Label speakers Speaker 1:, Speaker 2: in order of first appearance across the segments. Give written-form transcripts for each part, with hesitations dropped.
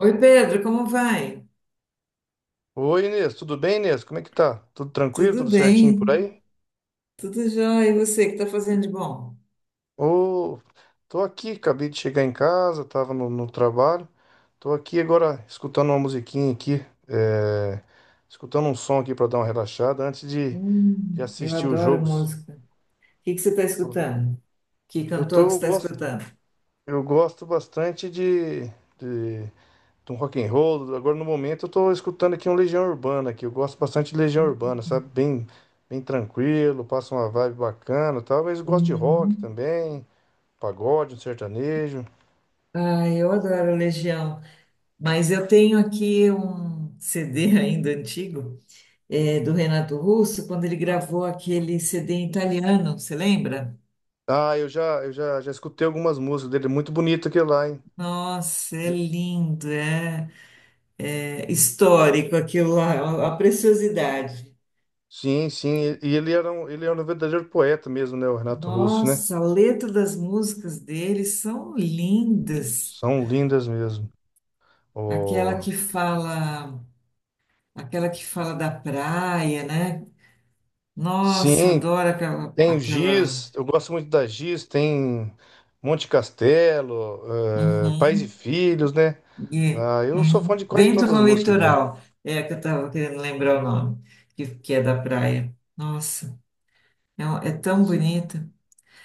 Speaker 1: Oi, Pedro, como vai?
Speaker 2: Oi, Inês, tudo bem, Inês? Como é que tá? Tudo tranquilo,
Speaker 1: Tudo
Speaker 2: tudo certinho por
Speaker 1: bem,
Speaker 2: aí?
Speaker 1: tudo jóia. E você, que está fazendo de bom?
Speaker 2: Ô, tô aqui, acabei de chegar em casa, tava no trabalho. Tô aqui agora escutando uma musiquinha aqui, é, escutando um som aqui pra dar uma relaxada antes de
Speaker 1: Eu
Speaker 2: assistir os
Speaker 1: adoro
Speaker 2: jogos.
Speaker 1: música. O que que você está
Speaker 2: Tô-
Speaker 1: escutando? Que
Speaker 2: Eu tô,
Speaker 1: cantor que você
Speaker 2: eu
Speaker 1: está
Speaker 2: gosto,
Speaker 1: escutando?
Speaker 2: eu gosto bastante de um rock and roll. Agora no momento eu tô escutando aqui um Legião Urbana que eu gosto bastante de Legião Urbana, sabe? Bem tranquilo, passa uma vibe bacana, e tal, mas eu gosto de rock
Speaker 1: Uhum.
Speaker 2: também, pagode, um sertanejo.
Speaker 1: Ah, eu adoro Legião, mas eu tenho aqui um CD ainda antigo, é, do Renato Russo, quando ele gravou aquele CD em italiano, você lembra?
Speaker 2: Ah, eu já escutei algumas músicas dele, muito bonito aquele lá, hein?
Speaker 1: Nossa, é lindo, é, é histórico aquilo lá, é uma preciosidade.
Speaker 2: Sim, sim, e ele era um verdadeiro poeta mesmo, né, o Renato Russo, né?
Speaker 1: Nossa, a letra das músicas deles são lindas.
Speaker 2: São lindas mesmo.
Speaker 1: Aquela
Speaker 2: Oh,
Speaker 1: que fala, aquela que fala da praia, né? Nossa,
Speaker 2: sim,
Speaker 1: adoro aquela,
Speaker 2: tem o
Speaker 1: aquela.
Speaker 2: Giz, eu gosto muito da Giz, tem Monte Castelo, Pais e
Speaker 1: Uhum,
Speaker 2: Filhos, né?
Speaker 1: e-
Speaker 2: Ah, eu sou fã
Speaker 1: uhum.
Speaker 2: de quase
Speaker 1: Vento
Speaker 2: todas as
Speaker 1: no
Speaker 2: músicas dele.
Speaker 1: litoral. É a que eu estava querendo lembrar o nome, que é da praia. Nossa, é, é tão
Speaker 2: Sim,
Speaker 1: bonita.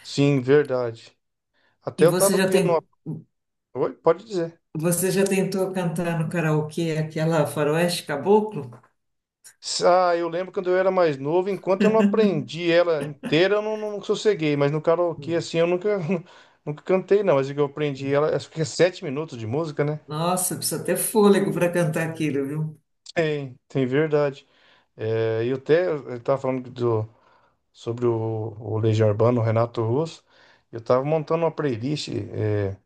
Speaker 2: sim, verdade.
Speaker 1: E
Speaker 2: Até eu
Speaker 1: você
Speaker 2: tava
Speaker 1: já
Speaker 2: criando uma.
Speaker 1: tem,
Speaker 2: Oi, pode dizer.
Speaker 1: você já tentou cantar no karaokê aquela Faroeste Caboclo?
Speaker 2: Ah, eu lembro quando eu era mais novo, enquanto eu não aprendi ela inteira, eu não sosseguei, mas no karaokê, assim, eu nunca, nunca cantei, não. Mas o que eu aprendi ela, acho que é 7 minutos de música, né?
Speaker 1: Nossa, precisa ter fôlego para cantar aquilo, viu?
Speaker 2: Tem verdade. É, e eu até eu tava falando do, sobre o Legião Urbana, o Renato Russo. Eu tava montando uma playlist,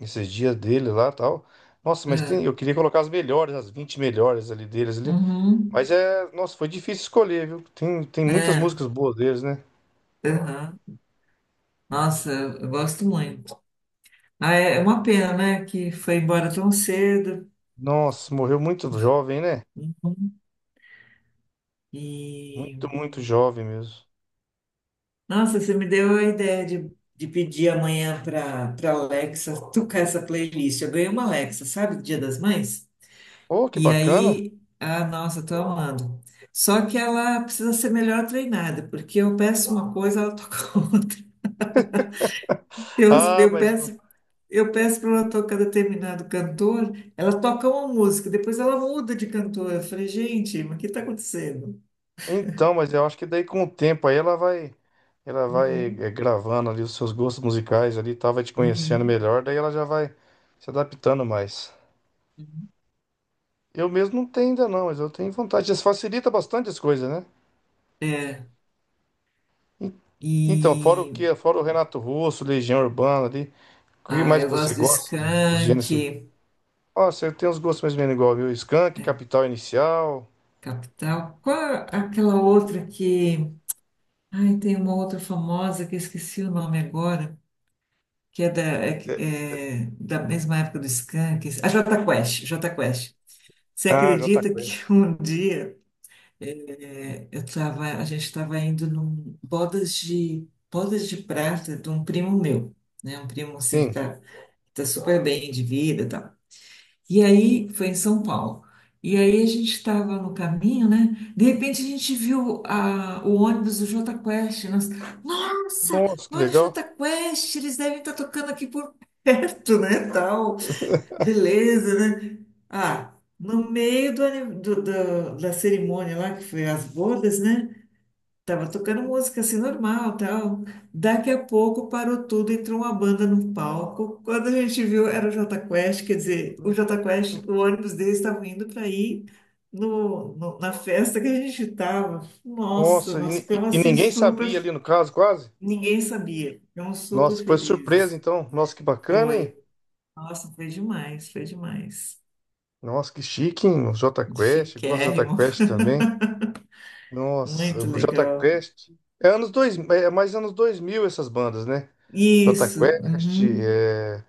Speaker 2: esses dias dele lá tal. Nossa, mas tem,
Speaker 1: É.
Speaker 2: eu queria colocar as melhores, as 20 melhores ali deles ali.
Speaker 1: Uhum.
Speaker 2: Mas é, nossa, foi difícil escolher, viu? Tem muitas
Speaker 1: É.
Speaker 2: músicas boas deles, né?
Speaker 1: Aham. Nossa, eu gosto muito. Ah, é uma pena, né? Que foi embora tão cedo.
Speaker 2: Nossa, morreu muito jovem, né?
Speaker 1: Uhum. E
Speaker 2: Muito, muito jovem mesmo.
Speaker 1: nossa, você me deu a ideia de pedir amanhã para Alexa tocar essa playlist. Eu ganhei uma Alexa, sabe, do Dia das Mães?
Speaker 2: Oh, que
Speaker 1: E
Speaker 2: bacana.
Speaker 1: aí, ah, nossa, tô amando. Só que ela precisa ser melhor treinada, porque eu peço uma coisa, ela toca outra. Eu,
Speaker 2: Ah,
Speaker 1: eu
Speaker 2: mas
Speaker 1: peço. Eu peço para ela tocar determinado cantor, ela toca uma música, depois ela muda de cantor. Eu falei, gente, mas o que está acontecendo?
Speaker 2: Então, mas eu acho que daí com o tempo aí ela vai
Speaker 1: Uhum,
Speaker 2: gravando ali os seus gostos musicais ali, e tal, vai te conhecendo
Speaker 1: uhum,
Speaker 2: melhor, daí ela já vai se adaptando mais.
Speaker 1: uhum.
Speaker 2: Eu mesmo não tenho ainda não, mas eu tenho vontade. Isso facilita bastante as coisas, né?
Speaker 1: É,
Speaker 2: En- Então,
Speaker 1: e
Speaker 2: fora o Renato Russo, Legião Urbana ali, o que
Speaker 1: ah,
Speaker 2: mais
Speaker 1: eu
Speaker 2: que você
Speaker 1: gosto do
Speaker 2: gosta de os
Speaker 1: Skank,
Speaker 2: gêneros? Nossa, eu tenho uns gostos mais ou menos igual, viu? Skank,
Speaker 1: é,
Speaker 2: Capital Inicial.
Speaker 1: Capital. Qual é aquela outra que. Ai, tem uma outra famosa que eu esqueci o nome agora, que é da,
Speaker 2: É.
Speaker 1: é da mesma época do Skank. A Jota Quest, Jota Quest. Você
Speaker 2: Ah, Jota
Speaker 1: acredita que
Speaker 2: Quest.
Speaker 1: um dia. É, eu tava, a gente estava indo num bodas de prata de um primo meu, né? Um primo assim que
Speaker 2: Sim.
Speaker 1: tá, tá super bem de vida, e tal. E aí foi em São Paulo. E aí a gente estava no caminho, né? De repente a gente viu a, o ônibus do Jota Quest. Nós, nossa,
Speaker 2: Nossa, que
Speaker 1: olha o
Speaker 2: legal.
Speaker 1: Jota Quest, eles devem estar tocando aqui por perto, né? Tal, beleza, né? Ah, no meio do, da cerimônia lá que foi as bodas, né? Tava tocando música assim normal, tal. Daqui a pouco parou tudo, entrou uma banda no palco. Quando a gente viu, era o Jota Quest, quer dizer, o Jota Quest, o ônibus deles estava indo para ir no, na festa que a gente estava. Nossa,
Speaker 2: Nossa, e,
Speaker 1: nós
Speaker 2: ni- e
Speaker 1: ficamos
Speaker 2: e
Speaker 1: assim
Speaker 2: ninguém
Speaker 1: super,
Speaker 2: sabia ali no caso, quase.
Speaker 1: ninguém sabia. Ficamos super
Speaker 2: Nossa, foi surpresa
Speaker 1: felizes.
Speaker 2: então. Nossa, que bacana,
Speaker 1: Foi.
Speaker 2: hein?
Speaker 1: Nossa, foi demais, foi demais.
Speaker 2: Nossa, que chique, hein? O Jota Quest, eu gosto do Jota
Speaker 1: Chiquérrimo,
Speaker 2: Quest também. Nossa,
Speaker 1: muito
Speaker 2: o Jota
Speaker 1: legal.
Speaker 2: Quest. É anos dois é é mais anos 2000 essas bandas, né? Jota
Speaker 1: Isso.
Speaker 2: Quest,
Speaker 1: Uhum.
Speaker 2: é,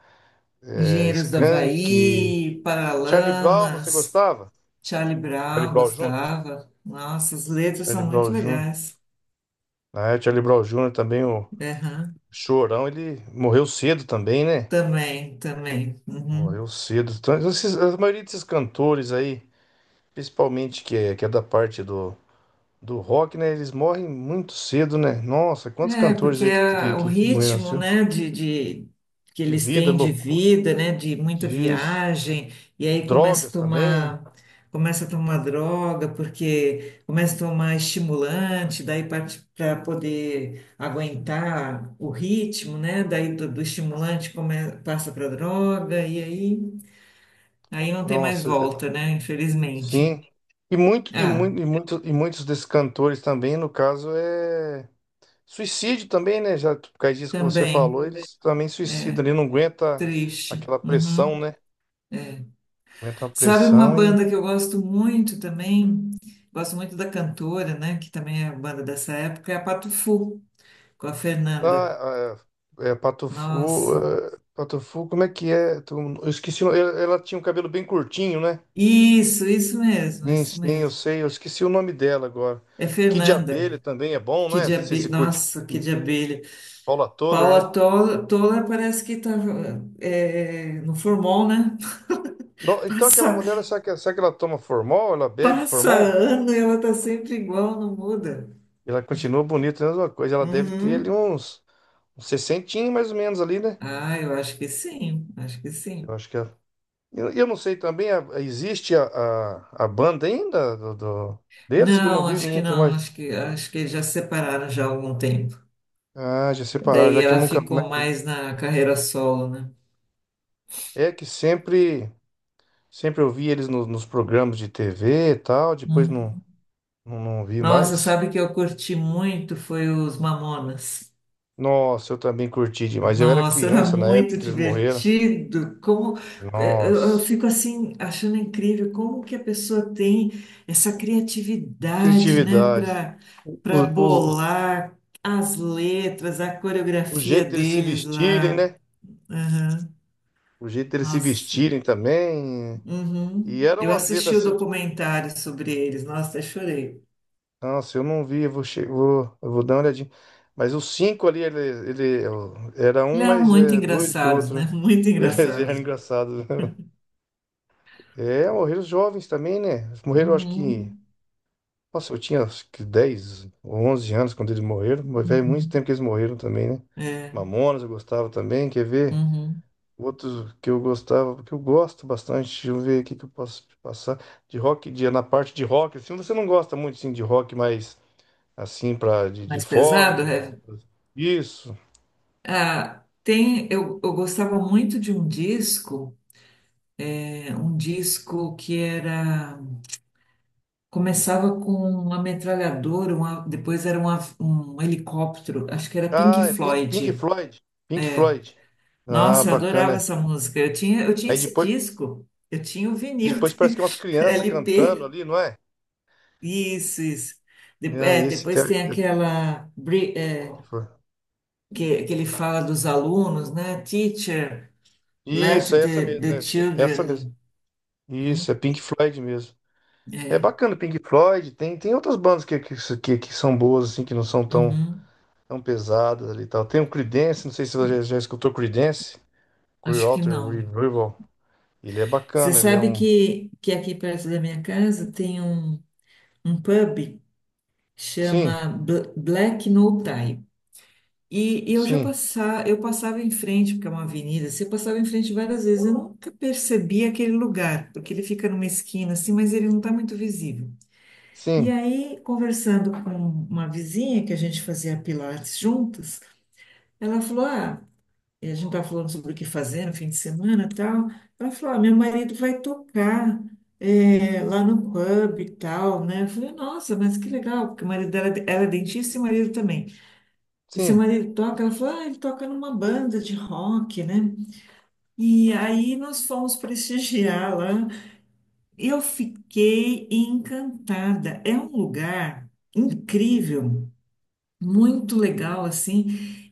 Speaker 2: é,
Speaker 1: Engenheiros do
Speaker 2: Skank,
Speaker 1: Havaí,
Speaker 2: Charlie Brown, você
Speaker 1: Paralamas,
Speaker 2: gostava?
Speaker 1: Charlie
Speaker 2: Charlie
Speaker 1: Brown,
Speaker 2: Brown Jr.?
Speaker 1: gostava. Nossa, as letras
Speaker 2: Charlie
Speaker 1: são
Speaker 2: Brown
Speaker 1: muito
Speaker 2: Jr.
Speaker 1: legais.
Speaker 2: Ah, é, Charlie Brown Jr. também, o
Speaker 1: Aham,
Speaker 2: Chorão, ele morreu cedo também, né?
Speaker 1: também, também. Uhum.
Speaker 2: Morreu cedo. Então, a maioria desses cantores aí, principalmente que é da parte do rock, né? Eles morrem muito cedo, né? Nossa, quantos
Speaker 1: É,
Speaker 2: cantores
Speaker 1: porque
Speaker 2: aí que, que,
Speaker 1: o
Speaker 2: que, que morreram
Speaker 1: ritmo,
Speaker 2: assim?
Speaker 1: né, que
Speaker 2: De
Speaker 1: eles
Speaker 2: vida,
Speaker 1: têm de
Speaker 2: loucura,
Speaker 1: vida, né, de muita
Speaker 2: disso,
Speaker 1: viagem, e aí
Speaker 2: drogas também.
Speaker 1: começa a tomar droga, porque começa a tomar estimulante, daí parte para poder aguentar o ritmo, né, daí do, do estimulante come, passa para droga, e aí, aí não tem mais
Speaker 2: Nossa,
Speaker 1: volta, né, infelizmente.
Speaker 2: sim. E muito, e
Speaker 1: Ah,
Speaker 2: muito, e muito, e muitos desses cantores também, no caso, é suicídio também, né? Já por causa disso que você
Speaker 1: também,
Speaker 2: falou, eles também suicidam ali, não aguenta
Speaker 1: triste.
Speaker 2: aquela pressão,
Speaker 1: Uhum.
Speaker 2: né?
Speaker 1: É.
Speaker 2: Aguenta a
Speaker 1: Sabe uma
Speaker 2: pressão.
Speaker 1: banda que eu gosto muito também? Gosto muito da cantora, né? Que também é banda dessa época, é a Patufu, com a Fernanda.
Speaker 2: Ah, Patufu,
Speaker 1: Nossa.
Speaker 2: como é que é? Eu esqueci, ela tinha um cabelo bem curtinho, né?
Speaker 1: Isso mesmo,
Speaker 2: Sim,
Speaker 1: isso
Speaker 2: sim, eu
Speaker 1: mesmo.
Speaker 2: sei, eu esqueci o nome dela agora.
Speaker 1: É
Speaker 2: Que de
Speaker 1: Fernanda.
Speaker 2: abelha também é bom, não
Speaker 1: Que
Speaker 2: é?
Speaker 1: de
Speaker 2: Se
Speaker 1: abelha.
Speaker 2: curte
Speaker 1: Nossa, que de abelha.
Speaker 2: Paula Toller, né?
Speaker 1: Paula Toller, Toller parece que tá é, no formol, né?
Speaker 2: Então aquela
Speaker 1: Passa,
Speaker 2: mulher, será que ela toma formol? Ela bebe
Speaker 1: passa
Speaker 2: formol?
Speaker 1: ano e ela tá sempre igual, não muda.
Speaker 2: Ela continua bonita, é a mesma coisa. Ela deve ter ali
Speaker 1: Uhum.
Speaker 2: uns 60 mais ou menos ali, né?
Speaker 1: Ah, eu acho que sim, acho que
Speaker 2: Eu
Speaker 1: sim.
Speaker 2: acho que ela. Eu não sei também, existe a banda ainda deles que eu não
Speaker 1: Não,
Speaker 2: vi
Speaker 1: acho que
Speaker 2: nunca
Speaker 1: não,
Speaker 2: mais.
Speaker 1: acho que eles já se separaram já há algum tempo.
Speaker 2: Ah, já separaram,
Speaker 1: Daí
Speaker 2: já que eu
Speaker 1: ela
Speaker 2: nunca. Mas
Speaker 1: ficou mais na carreira solo, né?
Speaker 2: é que sempre eu vi eles nos programas de TV e tal, depois
Speaker 1: Hum.
Speaker 2: não vi
Speaker 1: Nossa,
Speaker 2: mais.
Speaker 1: sabe que eu curti muito foi os Mamonas.
Speaker 2: Nossa, eu também curti demais. Eu era
Speaker 1: Nossa, era
Speaker 2: criança na época
Speaker 1: muito
Speaker 2: que eles morreram.
Speaker 1: divertido. Como eh, eu
Speaker 2: Nossa,
Speaker 1: fico assim achando incrível como que a pessoa tem essa criatividade, né,
Speaker 2: criatividade.
Speaker 1: para
Speaker 2: O, o, o
Speaker 1: bolar as letras, a
Speaker 2: o
Speaker 1: coreografia
Speaker 2: jeito deles se
Speaker 1: deles
Speaker 2: vestirem,
Speaker 1: lá.
Speaker 2: né?
Speaker 1: Né?
Speaker 2: O jeito deles se
Speaker 1: Nossa.
Speaker 2: vestirem também. E
Speaker 1: Uhum. Eu
Speaker 2: eram as
Speaker 1: assisti
Speaker 2: letras
Speaker 1: o
Speaker 2: assim que.
Speaker 1: documentário sobre eles, nossa, até chorei.
Speaker 2: Nossa, eu não vi, eu vou dar uma olhadinha. Mas os cinco ali, ele era um
Speaker 1: Eles eram
Speaker 2: mais
Speaker 1: muito
Speaker 2: doido que o
Speaker 1: engraçados,
Speaker 2: outro,
Speaker 1: né?
Speaker 2: né?
Speaker 1: Muito
Speaker 2: Beleza, era
Speaker 1: engraçados.
Speaker 2: engraçado. É, morreram os jovens também, né? Morreram, acho que.
Speaker 1: Uhum.
Speaker 2: Nossa, eu tinha acho que 10 ou 11 anos quando eles morreram. Mas faz muito
Speaker 1: Uhum.
Speaker 2: tempo que eles morreram também, né?
Speaker 1: É.
Speaker 2: Mamonas eu gostava também, quer ver?
Speaker 1: Uhum.
Speaker 2: Outros que eu gostava, que eu gosto bastante. Deixa eu ver aqui que eu posso te passar. De rock, na parte de rock, assim, você não gosta muito assim, de rock, mas assim, pra, de
Speaker 1: Mais
Speaker 2: fora,
Speaker 1: pesado, é?
Speaker 2: isso.
Speaker 1: Ah, tem, eu gostava muito de um disco, é, um disco que era. Começava com uma metralhadora, uma, depois era um um helicóptero, acho que era Pink
Speaker 2: Ah, é Pink
Speaker 1: Floyd.
Speaker 2: Floyd. Pink Floyd. Ah,
Speaker 1: Nossa, eu adorava
Speaker 2: bacana.
Speaker 1: essa música. Eu tinha
Speaker 2: Aí
Speaker 1: esse
Speaker 2: depois.
Speaker 1: disco. Eu tinha o
Speaker 2: E
Speaker 1: vinil
Speaker 2: depois parece que é umas crianças cantando
Speaker 1: LP.
Speaker 2: ali, não é?
Speaker 1: Isso, isso.
Speaker 2: Ah, esse
Speaker 1: Depois
Speaker 2: então
Speaker 1: tem
Speaker 2: é
Speaker 1: aquela
Speaker 2: Pink Floyd.
Speaker 1: que, ele fala dos alunos, né? Teacher, let
Speaker 2: Isso, é essa
Speaker 1: the,
Speaker 2: mesmo,
Speaker 1: the
Speaker 2: né? É essa mesmo.
Speaker 1: children.
Speaker 2: Isso,
Speaker 1: Hum,
Speaker 2: é Pink Floyd mesmo. É
Speaker 1: é,
Speaker 2: bacana, Pink Floyd. Tem outras bandas que são boas, assim, que não são
Speaker 1: uhum.
Speaker 2: tão pesadas ali e tal. Tem o Creedence, não sei se você já escutou Creedence.
Speaker 1: Acho que
Speaker 2: Clearwater
Speaker 1: não.
Speaker 2: Revival. Ele é
Speaker 1: Você
Speaker 2: bacana, ele é
Speaker 1: sabe
Speaker 2: um...
Speaker 1: que aqui perto da minha casa tem um, um pub chama
Speaker 2: Sim,
Speaker 1: Black No. E eu já
Speaker 2: sim,
Speaker 1: passava, eu passava em frente, porque é uma avenida, você passava em frente várias vezes, eu nunca percebi aquele lugar, porque ele fica numa esquina assim, mas ele não está muito visível. E
Speaker 2: sim,
Speaker 1: aí, conversando com uma vizinha que a gente fazia pilates juntas, ela falou: ah, e a gente estava falando sobre o que fazer no fim de semana e tal. Ela falou: ah, meu marido vai tocar eh, lá no pub e tal, né? Eu falei: nossa, mas que legal, porque o marido dela, ela é dentista e o marido também. E seu
Speaker 2: sim.
Speaker 1: marido toca? Ela falou, ah, ele toca numa banda de rock, né? E aí nós fomos prestigiar lá. Eu fiquei encantada. É um lugar incrível, muito legal, assim.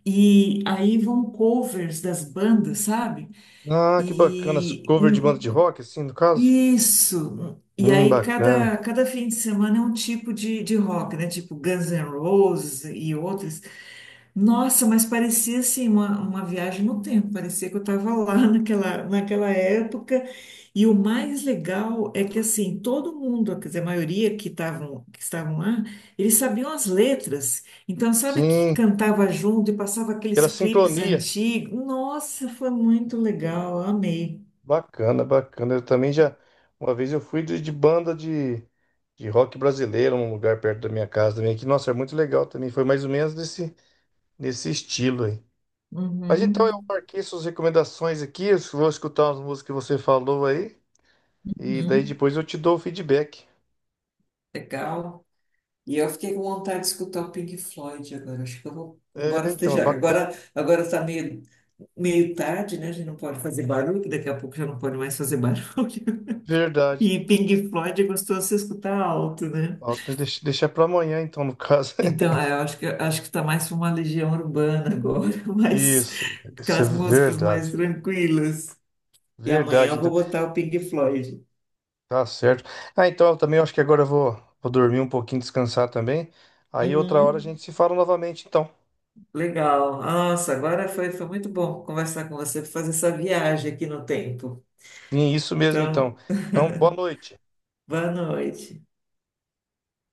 Speaker 1: E aí vão covers das bandas, sabe?
Speaker 2: Ah, que bacana. As
Speaker 1: E
Speaker 2: Cover de banda de rock, assim, no caso.
Speaker 1: isso. E aí cada,
Speaker 2: Bacana.
Speaker 1: cada fim de semana é um tipo de rock, né? Tipo Guns N' Roses e outros. Nossa, mas parecia assim uma viagem no tempo, parecia que eu estava lá naquela, naquela época. E o mais legal é que assim, todo mundo, quer dizer, a maioria que estavam lá, eles sabiam as letras. Então, sabe que
Speaker 2: Sim,
Speaker 1: cantava junto e passava aqueles
Speaker 2: pela
Speaker 1: clipes
Speaker 2: sincronia.
Speaker 1: antigos? Nossa, foi muito legal, amei.
Speaker 2: Bacana, bacana. Eu também já. Uma vez eu fui de banda de rock brasileiro, num lugar perto da minha casa também, que, nossa, é muito legal também. Foi mais ou menos nesse estilo aí. Mas então eu
Speaker 1: Uhum,
Speaker 2: marquei suas recomendações aqui, eu vou escutar as músicas que você falou aí, e daí
Speaker 1: uhum,
Speaker 2: depois eu te dou o feedback.
Speaker 1: legal. E eu fiquei com vontade de escutar o Pink Floyd agora. Acho que eu vou,
Speaker 2: É,
Speaker 1: embora
Speaker 2: então, é
Speaker 1: esteja.
Speaker 2: bacana,
Speaker 1: Agora, agora tá meio, meio tarde, né? A gente não pode fazer barulho, daqui a pouco já não pode mais fazer barulho.
Speaker 2: verdade.
Speaker 1: E Pink Floyd é gostoso de se escutar alto, né?
Speaker 2: Falta deixar para amanhã, então, no caso.
Speaker 1: Então, é, eu acho que tá mais para uma legião urbana agora, mas
Speaker 2: Isso,
Speaker 1: com
Speaker 2: isso é
Speaker 1: as músicas mais
Speaker 2: verdade.
Speaker 1: tranquilas. E amanhã
Speaker 2: Verdade,
Speaker 1: eu vou
Speaker 2: então.
Speaker 1: botar o Pink Floyd.
Speaker 2: Tá certo. Ah, então eu também acho que agora vou dormir um pouquinho, descansar também. Aí outra hora a
Speaker 1: Uhum.
Speaker 2: gente se fala novamente, então.
Speaker 1: Legal. Nossa, agora foi, foi muito bom conversar com você, fazer essa viagem aqui no tempo.
Speaker 2: E é isso mesmo, então.
Speaker 1: Então,
Speaker 2: Então, boa noite.
Speaker 1: boa noite.